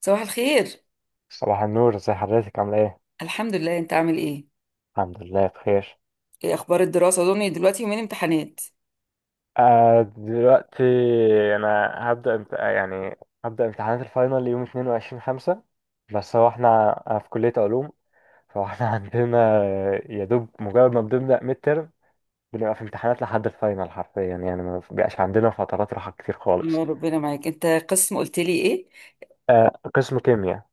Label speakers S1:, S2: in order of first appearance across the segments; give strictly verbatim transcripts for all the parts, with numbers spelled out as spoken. S1: صباح الخير.
S2: صباح النور، ازي حضرتك؟ عامله ايه؟
S1: الحمد لله، انت عامل ايه؟
S2: الحمد لله بخير.
S1: ايه اخبار الدراسه؟ اظن دلوقتي يومين امتحانات.
S2: آه دلوقتي انا هبدا امت... آه، يعني هبدا امتحانات الفاينل يوم اتنين وعشرين خمسة. بس هو احنا، أنا في كليه علوم، فاحنا عندنا يا دوب مجرد ما بنبدا ميد ترم بنبقى في امتحانات لحد الفاينل حرفيا، يعني ما بيبقاش عندنا فترات راحه كتير
S1: يا
S2: خالص.
S1: ربنا معاك. انت قسم قلت لي ايه؟
S2: آه، قسم كيمياء،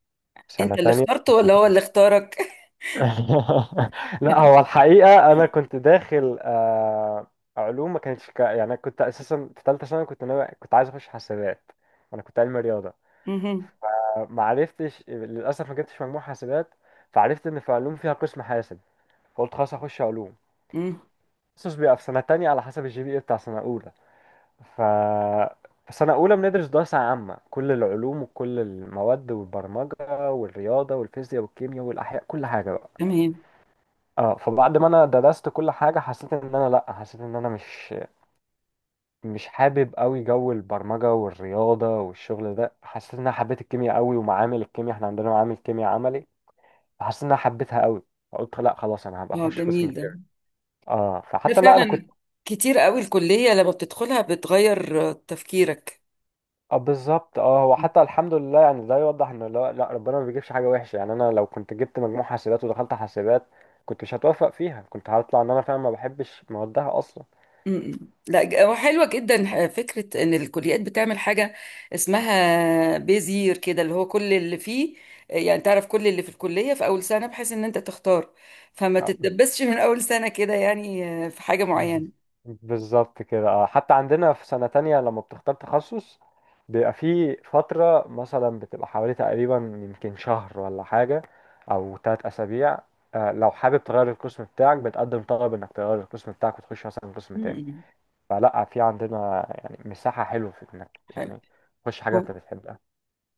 S2: سنه
S1: انت اللي
S2: تانية
S1: اخترته
S2: قسم
S1: ولا هو
S2: كيمياء.
S1: اللي اختارك؟
S2: لا، هو الحقيقة أنا كنت داخل آه، علوم. ما كانتش كا- يعني أنا كنت أساسا في تالتة ثانوي، كنت ناوي، كنت عايز أخش حاسبات. أنا كنت علمي رياضة،
S1: مهم.
S2: فما عرفتش للأسف، ما جبتش مجموع حاسبات، فعرفت إن في علوم فيها قسم حاسب، فقلت خلاص هخش علوم.
S1: مم.
S2: تخصص بيبقى في سنة تانية على حسب الجي بي إيه بتاع سنة أولى. ف في سنة أولى بندرس دراسة عامة، كل العلوم وكل المواد، والبرمجة والرياضة والفيزياء والكيمياء والأحياء، كل حاجة بقى.
S1: تمام.
S2: اه، فبعد ما انا درست كل حاجه حسيت ان انا، لا حسيت ان انا مش مش حابب قوي جو البرمجه والرياضه والشغل ده. حسيت ان انا حبيت الكيمياء قوي، ومعامل الكيمياء، احنا عندنا معامل كيمياء عملي، فحسيت ان انا حبيتها قوي، فقلت لا خلاص انا هبقى
S1: اه،
S2: اخش قسم
S1: جميل ده.
S2: كيمياء. اه،
S1: ده
S2: فحتى لا انا
S1: فعلا
S2: كنت.
S1: كتير قوي الكليه لما بتدخلها بتغير آه، تفكيرك.
S2: اه بالظبط. اه، هو حتى الحمد لله، يعني ده يوضح ان لا, لا ربنا ما بيجيبش حاجه وحشه. يعني انا لو كنت جبت مجموع حاسبات ودخلت حاسبات كنت مش هتوفق فيها، كنت هطلع ان انا فعلا ما بحبش موادها اصلا.
S1: م-م. لا، ج- هو حلوة جدا ح- فكرة ان الكليات بتعمل حاجة اسمها بيزير كده، اللي هو كل اللي فيه. يعني تعرف كل اللي في الكلية في اول سنة، بحيث ان انت تختار فما
S2: آه،
S1: تتدبسش من اول سنة كده، يعني آه، في حاجة معينة.
S2: بالظبط كده. اه، حتى عندنا في سنة تانية لما بتختار تخصص بيبقى في فترة مثلا بتبقى حوالي تقريبا يمكن شهر ولا حاجة، أو تلات أسابيع. آه، لو حابب تغير القسم بتاعك بتقدم طلب إنك تغير القسم بتاعك وتخش مثلا قسم تاني.
S1: م-م.
S2: فلا، في عندنا يعني مساحة حلوة في إنك
S1: حلو.
S2: يعني تخش حاجة أنت
S1: ب-
S2: بتحبها.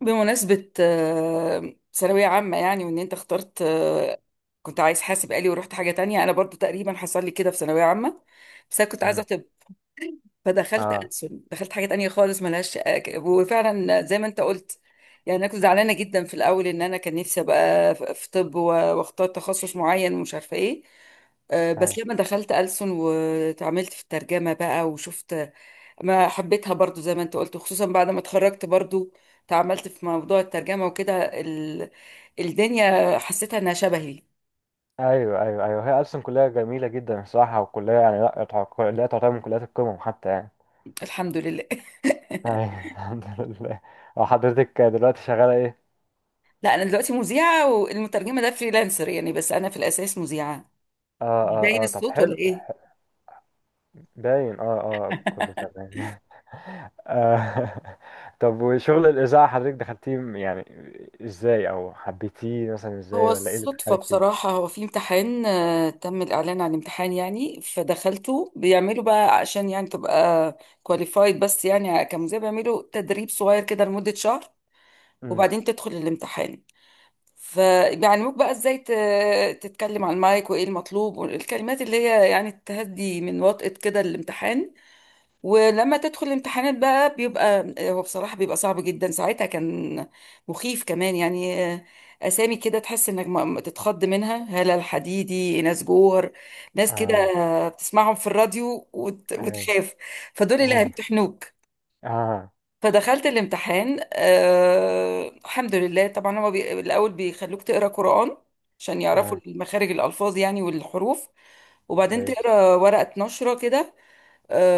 S1: بمناسبة آه، ثانوية عامة، يعني وان انت اخترت آه، كنت عايز حاسب آلي ورحت حاجة تانية. انا برضو تقريبا حصل لي كده في ثانوية عامة، بس انا كنت
S2: مم.
S1: عايزة. فدخلت
S2: اه.
S1: ألسن، دخلت حاجة تانية خالص ملهاش. وفعلا زي ما انت قلت، يعني انا كنت زعلانة جدا في الاول ان انا كان نفسي ابقى في في طب و- واختار تخصص معين، ومش عارفة ايه. آه، بس
S2: أيوه
S1: لما دخلت ألسن واتعاملت في الترجمة بقى وشفت ما حبيتها، برضو زي ما انت قلت. خصوصا بعد ما اتخرجت برضو، تعاملت في موضوع الترجمة وكده، ال... الدنيا حسيتها انها شبهي.
S2: أيوه أيوه أيوه، هي أصلا كلية جميلة جدا الصراحة، وكلية يعني لا تعتبر- كلية تعتبر من كليات القمم حتى يعني
S1: الحمد لله.
S2: أيوة، الحمد لله. اه، حضرتك دلوقتي شغالة ايه؟
S1: لا، انا دلوقتي مذيعة، والمترجمة ده فريلانسر يعني، بس انا في الاساس مذيعة.
S2: اه
S1: مش
S2: اه
S1: باين
S2: اه، طب
S1: الصوت ولا
S2: حلو.
S1: ايه؟
S2: باين اه اه، كله تمام. آه. طب وشغل الإذاعة حضرتك دخلتيه م- يعني ازاي؟ او حبيتيه مثلا
S1: هو
S2: ازاي؟ ولا ايه اللي
S1: الصدفة
S2: دخلك فيه؟
S1: بصراحة. هو في امتحان، آه، تم الإعلان عن امتحان يعني، فدخلته. بيعملوا بقى عشان يعني تبقى كواليفايد، بس يعني كمذيع بيعملوا تدريب صغير كده لمدة شهر،
S2: امم.
S1: وبعدين تدخل الامتحان. فبيعلموك بقى ازاي ت- تتكلم على المايك، وايه المطلوب، والكلمات اللي هي يعني تهدي من وطأة كده الامتحان. ولما تدخل الامتحانات بقى بيبقى، هو بصراحة بيبقى صعب جدا. ساعتها كان مخيف كمان يعني. آه، أسامي كده تحس إنك ما- ما تتخض منها: هالة الحديدي، ناس جوهر، ناس كده
S2: اه.
S1: آه، بتسمعهم في الراديو وت-
S2: ايوه
S1: وتخاف. فدول اللي
S2: ايوه.
S1: هيمتحنوك.
S2: اه
S1: فدخلت الامتحان، أه الحمد لله. طبعا هو بي... الأول بيخلوك تقرأ قرآن عشان يعرفوا
S2: اه.
S1: مخارج الألفاظ يعني والحروف. وبعدين
S2: كويس.
S1: تقرأ ورقة نشرة كده.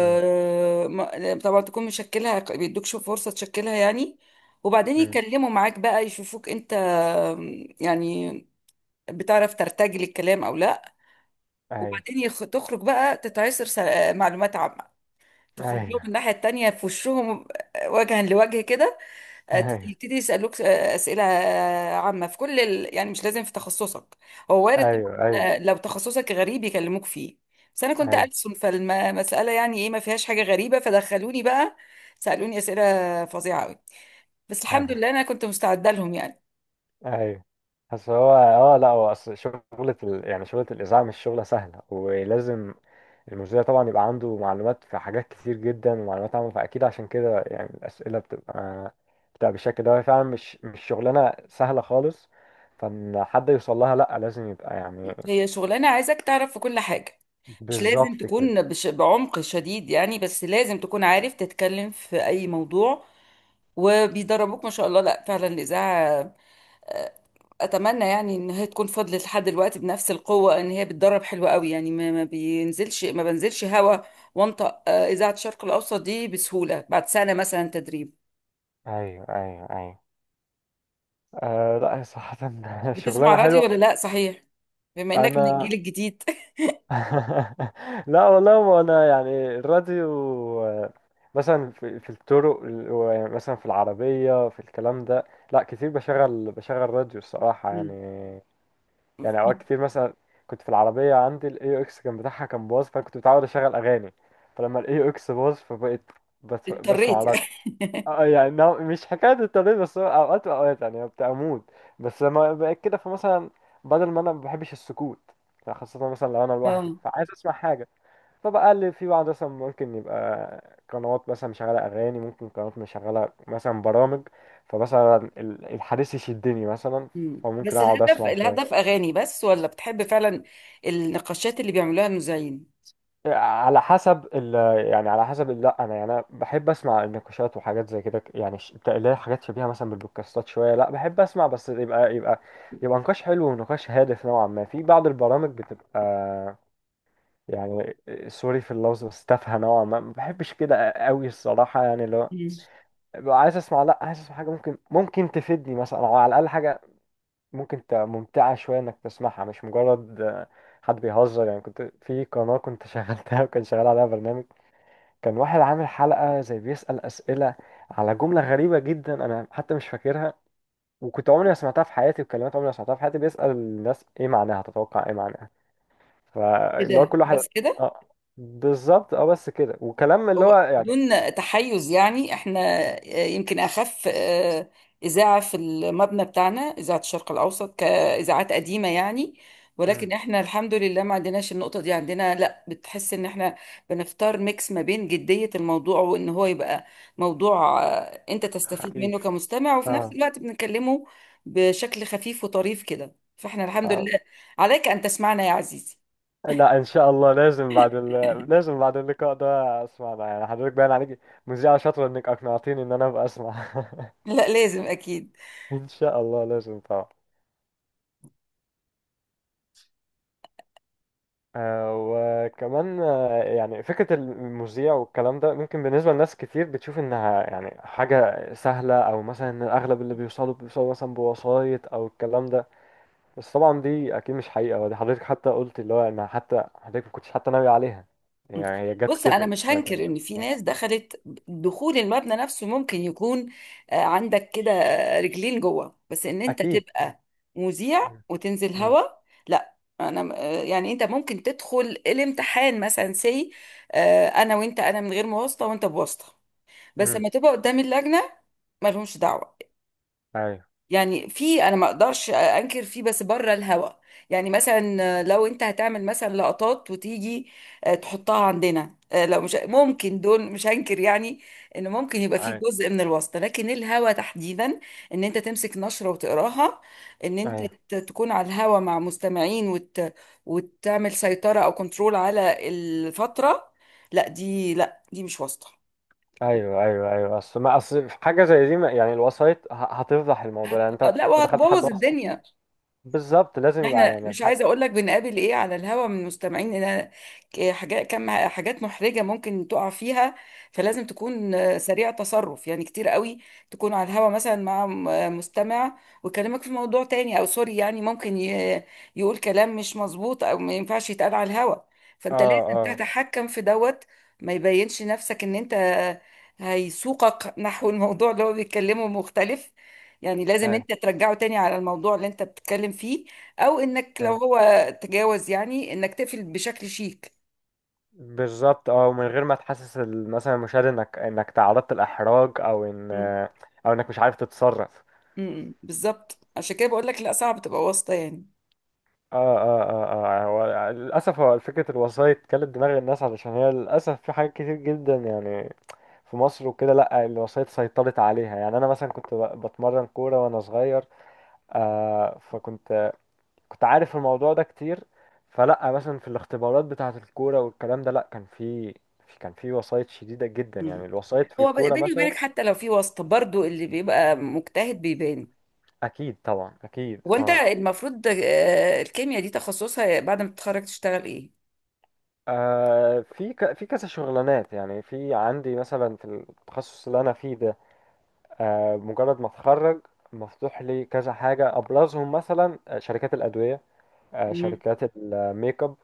S2: أمم.
S1: ما- طبعا تكون مشكلها، بيدوكش فرصة تشكلها يعني. وبعدين
S2: أمم.
S1: يتكلموا معاك بقى يشوفوك انت، آم، يعني بتعرف ترتجل الكلام او لا.
S2: ايوه
S1: وبعدين يخ... تخرج بقى تتعصر. س- معلومات عامة. تخرج لهم
S2: ايوه
S1: الناحية التانية في وشهم. آه، وجها لوجه كده. آه،
S2: ايوه.
S1: يبتدي يسألوك آه، أسئلة آه، عامة في كل ال... يعني مش لازم في تخصصك. هو وارد.
S2: ايوه
S1: طبعاً
S2: ايوه
S1: آه، لو تخصصك غريب يكلموك فيه. بس أنا كنت
S2: ايوه
S1: ألسن، فالمسألة يعني إيه، ما فيهاش حاجة غريبة. فدخلوني بقى، سألوني أسئلة فظيعة أوي، بس الحمد لله أنا كنت مستعدة لهم يعني.
S2: ايوه. بس هو اه، لا هو اصل شغلة ال... يعني شغلة الإذاعة مش شغلة سهلة، ولازم المذيع طبعا يبقى عنده معلومات في حاجات كتير جدا، ومعلومات عامة، فأكيد عشان كده يعني الأسئلة بتبقى بتبقى بالشكل ده. هي فعلا مش مش شغلانة سهلة خالص، فإن حد يوصل لها، لا لازم يبقى يعني.
S1: هي شغلانة عايزك تعرف في كل حاجة. مش
S2: بالظبط
S1: لازم
S2: كده.
S1: تكون بش... بعمق شديد يعني، بس لازم تكون عارف تتكلم في أي موضوع. وبيدربوك ما شاء الله. لا فعلا الإذاعة، اتمنى يعني ان هي تكون فضلت لحد دلوقتي بنفس القوه، ان هي بتدرب حلوة قوي يعني. ما ما بينزلش ما بنزلش هوا وانطق آه، اذاعه الشرق الاوسط دي بسهوله بعد سنه مثلا تدريب.
S2: ايوه ايوه ايوه. آه لا هي صراحة
S1: بتسمع
S2: شغلانة
S1: راديو ولا
S2: حلوة.
S1: لا، صحيح؟ بما انك من
S2: أنا
S1: الجيل الجديد.
S2: لا والله، ما انا يعني الراديو آه، مثلا في في الطرق ال- و- يعني مثلا في العربية في الكلام ده، لا كتير بشغل بشغل راديو الصراحة يعني.
S1: مم.
S2: يعني اوقات كتير مثلا، كنت في العربية عندي الاي اكس كان بتاعها كان باظ، فانا كنت متعود اشغل اغاني، فلما الاي اكس باظ فبقيت بس-
S1: اضطريت
S2: بسمع.
S1: يعني.
S2: اه، يعني هو مش حكاية التمرين بس، هو اوقات واوقات يعني ببقى اموت. بس لما بقيت كده فمثلا، بدل ما انا ما بحبش السكوت، خاصة مثلا لو انا لوحدي
S1: اه.
S2: فعايز اسمع حاجة، فبقى اللي في بعض مثلا ممكن يبقى قنوات مثلا مشغلة اغاني، ممكن قنوات مشغلة مثلا برامج، فمثلا ال- الحديث يشدني مثلا،
S1: مم.
S2: فممكن
S1: بس
S2: اقعد
S1: الهدف،
S2: اسمع
S1: الهدف
S2: شوية.
S1: اغاني بس، ولا بتحب فعلا النقاشات اللي بيعملوها المذيعين؟
S2: على حسب ال يعني على حسب ال- لا انا يعني أنا بحب اسمع النقاشات وحاجات زي كده، يعني ش- بتاع- اللي هي حاجات شبيهه مثلا بالبودكاستات شويه. لا بحب اسمع، بس يبقى يبقى يبقى نقاش حلو ونقاش هادف نوعا ما. في بعض البرامج بتبقى يعني، سوري في اللفظ، بس تافهه نوعا ما، ما بحبش كده قوي الصراحه. يعني لو
S1: مم.
S2: ببقى عايز اسمع، لا عايز اسمع حاجه ممكن ممكن تفيدني مثلا، او على الاقل حاجه ممكن ت- ممتعه شويه انك تسمعها، مش مجرد آه، حد بيهزر يعني. كنت في قناه، كنت شغلتها وكان شغال عليها برنامج، كان واحد عامل حلقة زي بيسأل أسئلة على جملة غريبة جدا، أنا حتى مش فاكرها، وكنت عمري ما سمعتها في حياتي، وكلمات عمري ما سمعتها في حياتي، بيسأل الناس إيه معناها، تتوقع إيه معناها، فاللي هو
S1: كده
S2: كل واحد.
S1: بس كده.
S2: آه بالظبط، أه بس كده، وكلام اللي هو
S1: هو
S2: يعني.
S1: بدون تحيز، يعني احنا آه، يمكن اخف آه، اذاعه في المبنى بتاعنا، اذاعه الشرق الاوسط كاذاعات قديمه يعني،
S2: مم.
S1: ولكن احنا الحمد لله ما عندناش النقطه دي. عندنا لا، بتحس ان احنا بنختار ميكس ما بين جديه الموضوع، وان هو يبقى موضوع آه، انت تستفيد منه
S2: خفيف.
S1: كمستمع، وفي نفس
S2: آه.
S1: الوقت بنكلمه بشكل خفيف وطريف كده. فاحنا الحمد
S2: آه.
S1: لله، عليك ان تسمعنا يا عزيزي.
S2: لا إن شاء الله، لازم بعد ال... لازم بعد اللقاء ده أسمع ده. يعني حضرتك باين عليك مذيعة شاطرة، إنك أقنعتيني إن أنا أبقى أسمع.
S1: لا لازم، اكيد.
S2: إن شاء الله لازم طبعا. آه، وكمان آه، يعني فكرة المذيع والكلام ده ممكن بالنسبة لناس كتير بتشوف إنها يعني حاجة سهلة، أو مثلا إن أغلب اللي بيوصلوا بيوصلوا مثلا بوسايط أو الكلام ده. بس طبعا دي أكيد مش حقيقة، ودي حضرتك حتى قلت اللي هو إن حتى حضرتك ما كنتش حتى ناوي عليها، يعني هي جت
S1: بص، انا
S2: كده،
S1: مش
S2: سمعت عنها.
S1: هنكر ان في
S2: صح؟
S1: ناس دخلت. دخول المبنى نفسه ممكن يكون آه، عندك كده آه، رجلين جوه، بس ان انت
S2: أكيد.
S1: تبقى مذيع
S2: مم.
S1: وتنزل
S2: مم.
S1: هوا، لا. انا آه، يعني انت ممكن تدخل الامتحان مثلا سي. انا وانت: انا من غير مواسطه وانت بواسطه، بس
S2: مم.
S1: لما تبقى قدام اللجنه مالهمش دعوه
S2: أيوه
S1: يعني. في انا ما اقدرش انكر فيه، بس بره الهوا. يعني مثلا لو انت هتعمل مثلا لقطات وتيجي آه، تحطها عندنا آه، لو مش ممكن، دول مش هنكر يعني ان ممكن يبقى فيه
S2: أيوه
S1: جزء من الواسطة. لكن الهوا تحديدا، ان انت تمسك نشرة وتقراها، ان انت
S2: أيوه.
S1: ت- تكون على الهوا مع مستمعين وت... وتعمل سيطرة او كنترول على الفترة، لا دي، لا دي مش واسطة.
S2: أيوه أيوه أيوه. أصل ما أصل في حاجة زي دي، ما- يعني الوسايط ه- هتفضح الموضوع.
S1: هت...
S2: يعني أنت
S1: لا،
S2: لو دخلت حد
S1: وهتبوظ
S2: وسط.
S1: الدنيا.
S2: بالظبط، لازم يبقى
S1: احنا
S2: يعني.
S1: مش عايزه اقول لك بنقابل ايه على الهوا من مستمعين، ان حاجات، كم حاجات محرجه ممكن تقع فيها. فلازم تكون آه، سريع تصرف يعني كتير قوي. تكون على الهوا مثلا مع م- آه، مستمع، ويكلمك في موضوع تاني او سوري يعني، ممكن ي- يقول كلام مش مظبوط او ما ينفعش يتقال على الهوا.
S2: اه
S1: فانت لازم
S2: اه.
S1: تتحكم في دوت. ما يبينش نفسك ان انت هيسوقك نحو الموضوع اللي هو بيتكلمه مختلف. يعني لازم
S2: اي
S1: انت ترجعه تاني على الموضوع اللي انت بتتكلم فيه، او انك لو
S2: اي.
S1: هو تجاوز يعني انك تقفل بشكل شيك.
S2: بالظبط. اه، ومن غير ما تحسس ال- مثلا المشاهد انك انك تعرضت الاحراج، او ان
S1: مم.
S2: او انك مش عارف تتصرف.
S1: امم، بالظبط. عشان كده بقول لك لا، صعب تبقى واسطة يعني.
S2: اه اه اه. اه، هو للاسف هو فكره الوسايط كلت دماغ الناس، علشان هي للاسف في حاجات كتير جدا يعني في مصر وكده، لا الوسايط سيطرت عليها. يعني انا مثلا كنت ب- بتمرن كوره وانا صغير، آه فكنت كنت عارف الموضوع ده كتير. فلا مثلا في الاختبارات بتاعة الكورة والكلام ده، لا كان في في- كان في وسايط شديدة جدا، يعني
S1: مم.
S2: الوسايط في
S1: هو ب-
S2: الكورة
S1: بيني
S2: مثلا.
S1: وبينك حتى لو في واسطة، برضو اللي بيبقى مجتهد بيبان.
S2: أكيد طبعا، أكيد
S1: هو انت
S2: اه.
S1: المفروض آه، الكيمياء دي تخصصها بعد ما تتخرج تشتغل ايه؟
S2: آه، في ك- في كذا شغلانات. يعني في عندي مثلا في التخصص اللي أنا فيه ده، آه، مجرد ما أتخرج مفتوح لي كذا حاجة. أبرزهم مثلا آه، شركات الأدوية، آه،
S1: مم.
S2: شركات الميك اب،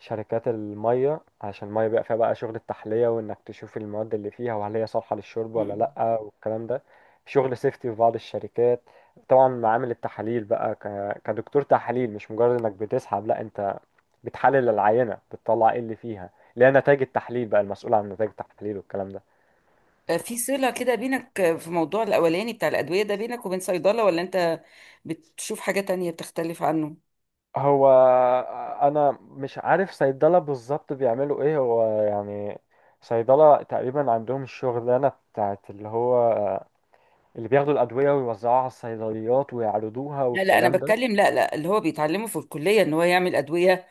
S2: شركات المية، عشان المية بيبقى فيها بقى شغل التحلية، وإنك تشوف المواد اللي فيها وهل هي صالحة للشرب ولا
S1: مم.
S2: لأ والكلام ده. شغل سيفتي في بعض الشركات. طبعا معامل التحاليل بقى، ك- كدكتور تحاليل، مش مجرد إنك بتسحب، لأ أنت بتحلل العينة، بتطلع إيه اللي فيها، اللي هي نتائج التحليل بقى، المسؤول عن نتائج التحليل والكلام ده.
S1: آه، في صلة كده بينك آه، في موضوع الاولاني بتاع الادوية ده بينك وبين صيدلة، ولا انت بتشوف حاجة تانية بتختلف عنه؟
S2: هو آه، انا مش عارف صيدله بالظبط بيعملوا ايه. هو يعني صيدله تقريبا عندهم الشغلانه بتاعت اللي هو آه، اللي بياخدوا الادويه ويوزعوها على الصيدليات ويعرضوها
S1: لا، لا، انا
S2: والكلام ده.
S1: بتكلم. لا، لا، اللي هو بيتعلمه في الكلية ان هو يعمل ادوية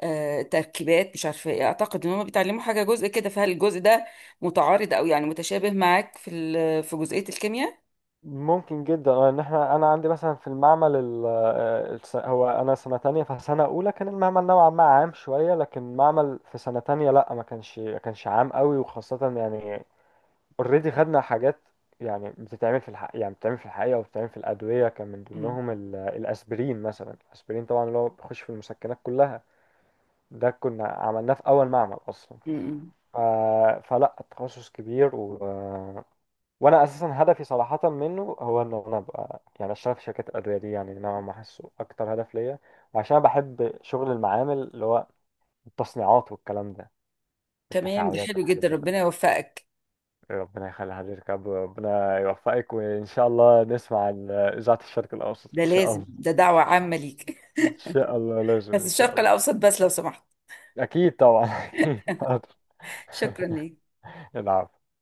S1: آه، تركيبات مش عارفه ايه، اعتقد ان هم بيتعلموا حاجه جزء كده، فهل الجزء ده متعارض او يعني متشابه معاك في ال- في جزئيه الكيمياء؟
S2: ممكن جدا آه، ان احنا، انا عندي مثلا في المعمل ال- آه، الس- هو انا سنه تانية، فسنه اولى كان المعمل نوعا ما عام شويه، لكن المعمل في سنه تانية لا، ما كانش ما كانش عام قوي. وخاصه يعني، اوريدي خدنا حاجات يعني بتتعمل في الحق يعني بتتعمل في الحقيقة وبتتعمل في الأدوية، كان من
S1: مم.
S2: ضمنهم ال- الأسبرين مثلا. الأسبرين طبعا اللي هو بيخش في المسكنات كلها، ده كنا عملناه في أول معمل أصلا.
S1: مم.
S2: ف... فلا التخصص كبير و... وأنا أساسا هدفي صراحة منه هو إن أنا أبقى يعني أشتغل في شركات الأدوية دي. يعني نوعا ما حاسه أكتر هدف ليا، وعشان أنا بحب شغل المعامل، اللي هو التصنيعات والكلام ده،
S1: تمام، ده
S2: التفاعلات
S1: حلو
S2: والحاجات
S1: جدا.
S2: دي
S1: ربنا
S2: كلها.
S1: يوفقك.
S2: إيه، ربنا يخلي حضرتك يا عبد، ربنا يوفقك، وإن شاء الله نسمع عن إذاعة الشرق الأوسط
S1: ده
S2: إن شاء
S1: لازم،
S2: الله.
S1: ده دعوه عامه ليك.
S2: إن شاء الله لازم
S1: بس
S2: إن شاء
S1: الشرق
S2: الله.
S1: الاوسط بس، لو سمحت.
S2: أكيد طبعا أكيد حاضر.
S1: شكرا ليك.
S2: العفو.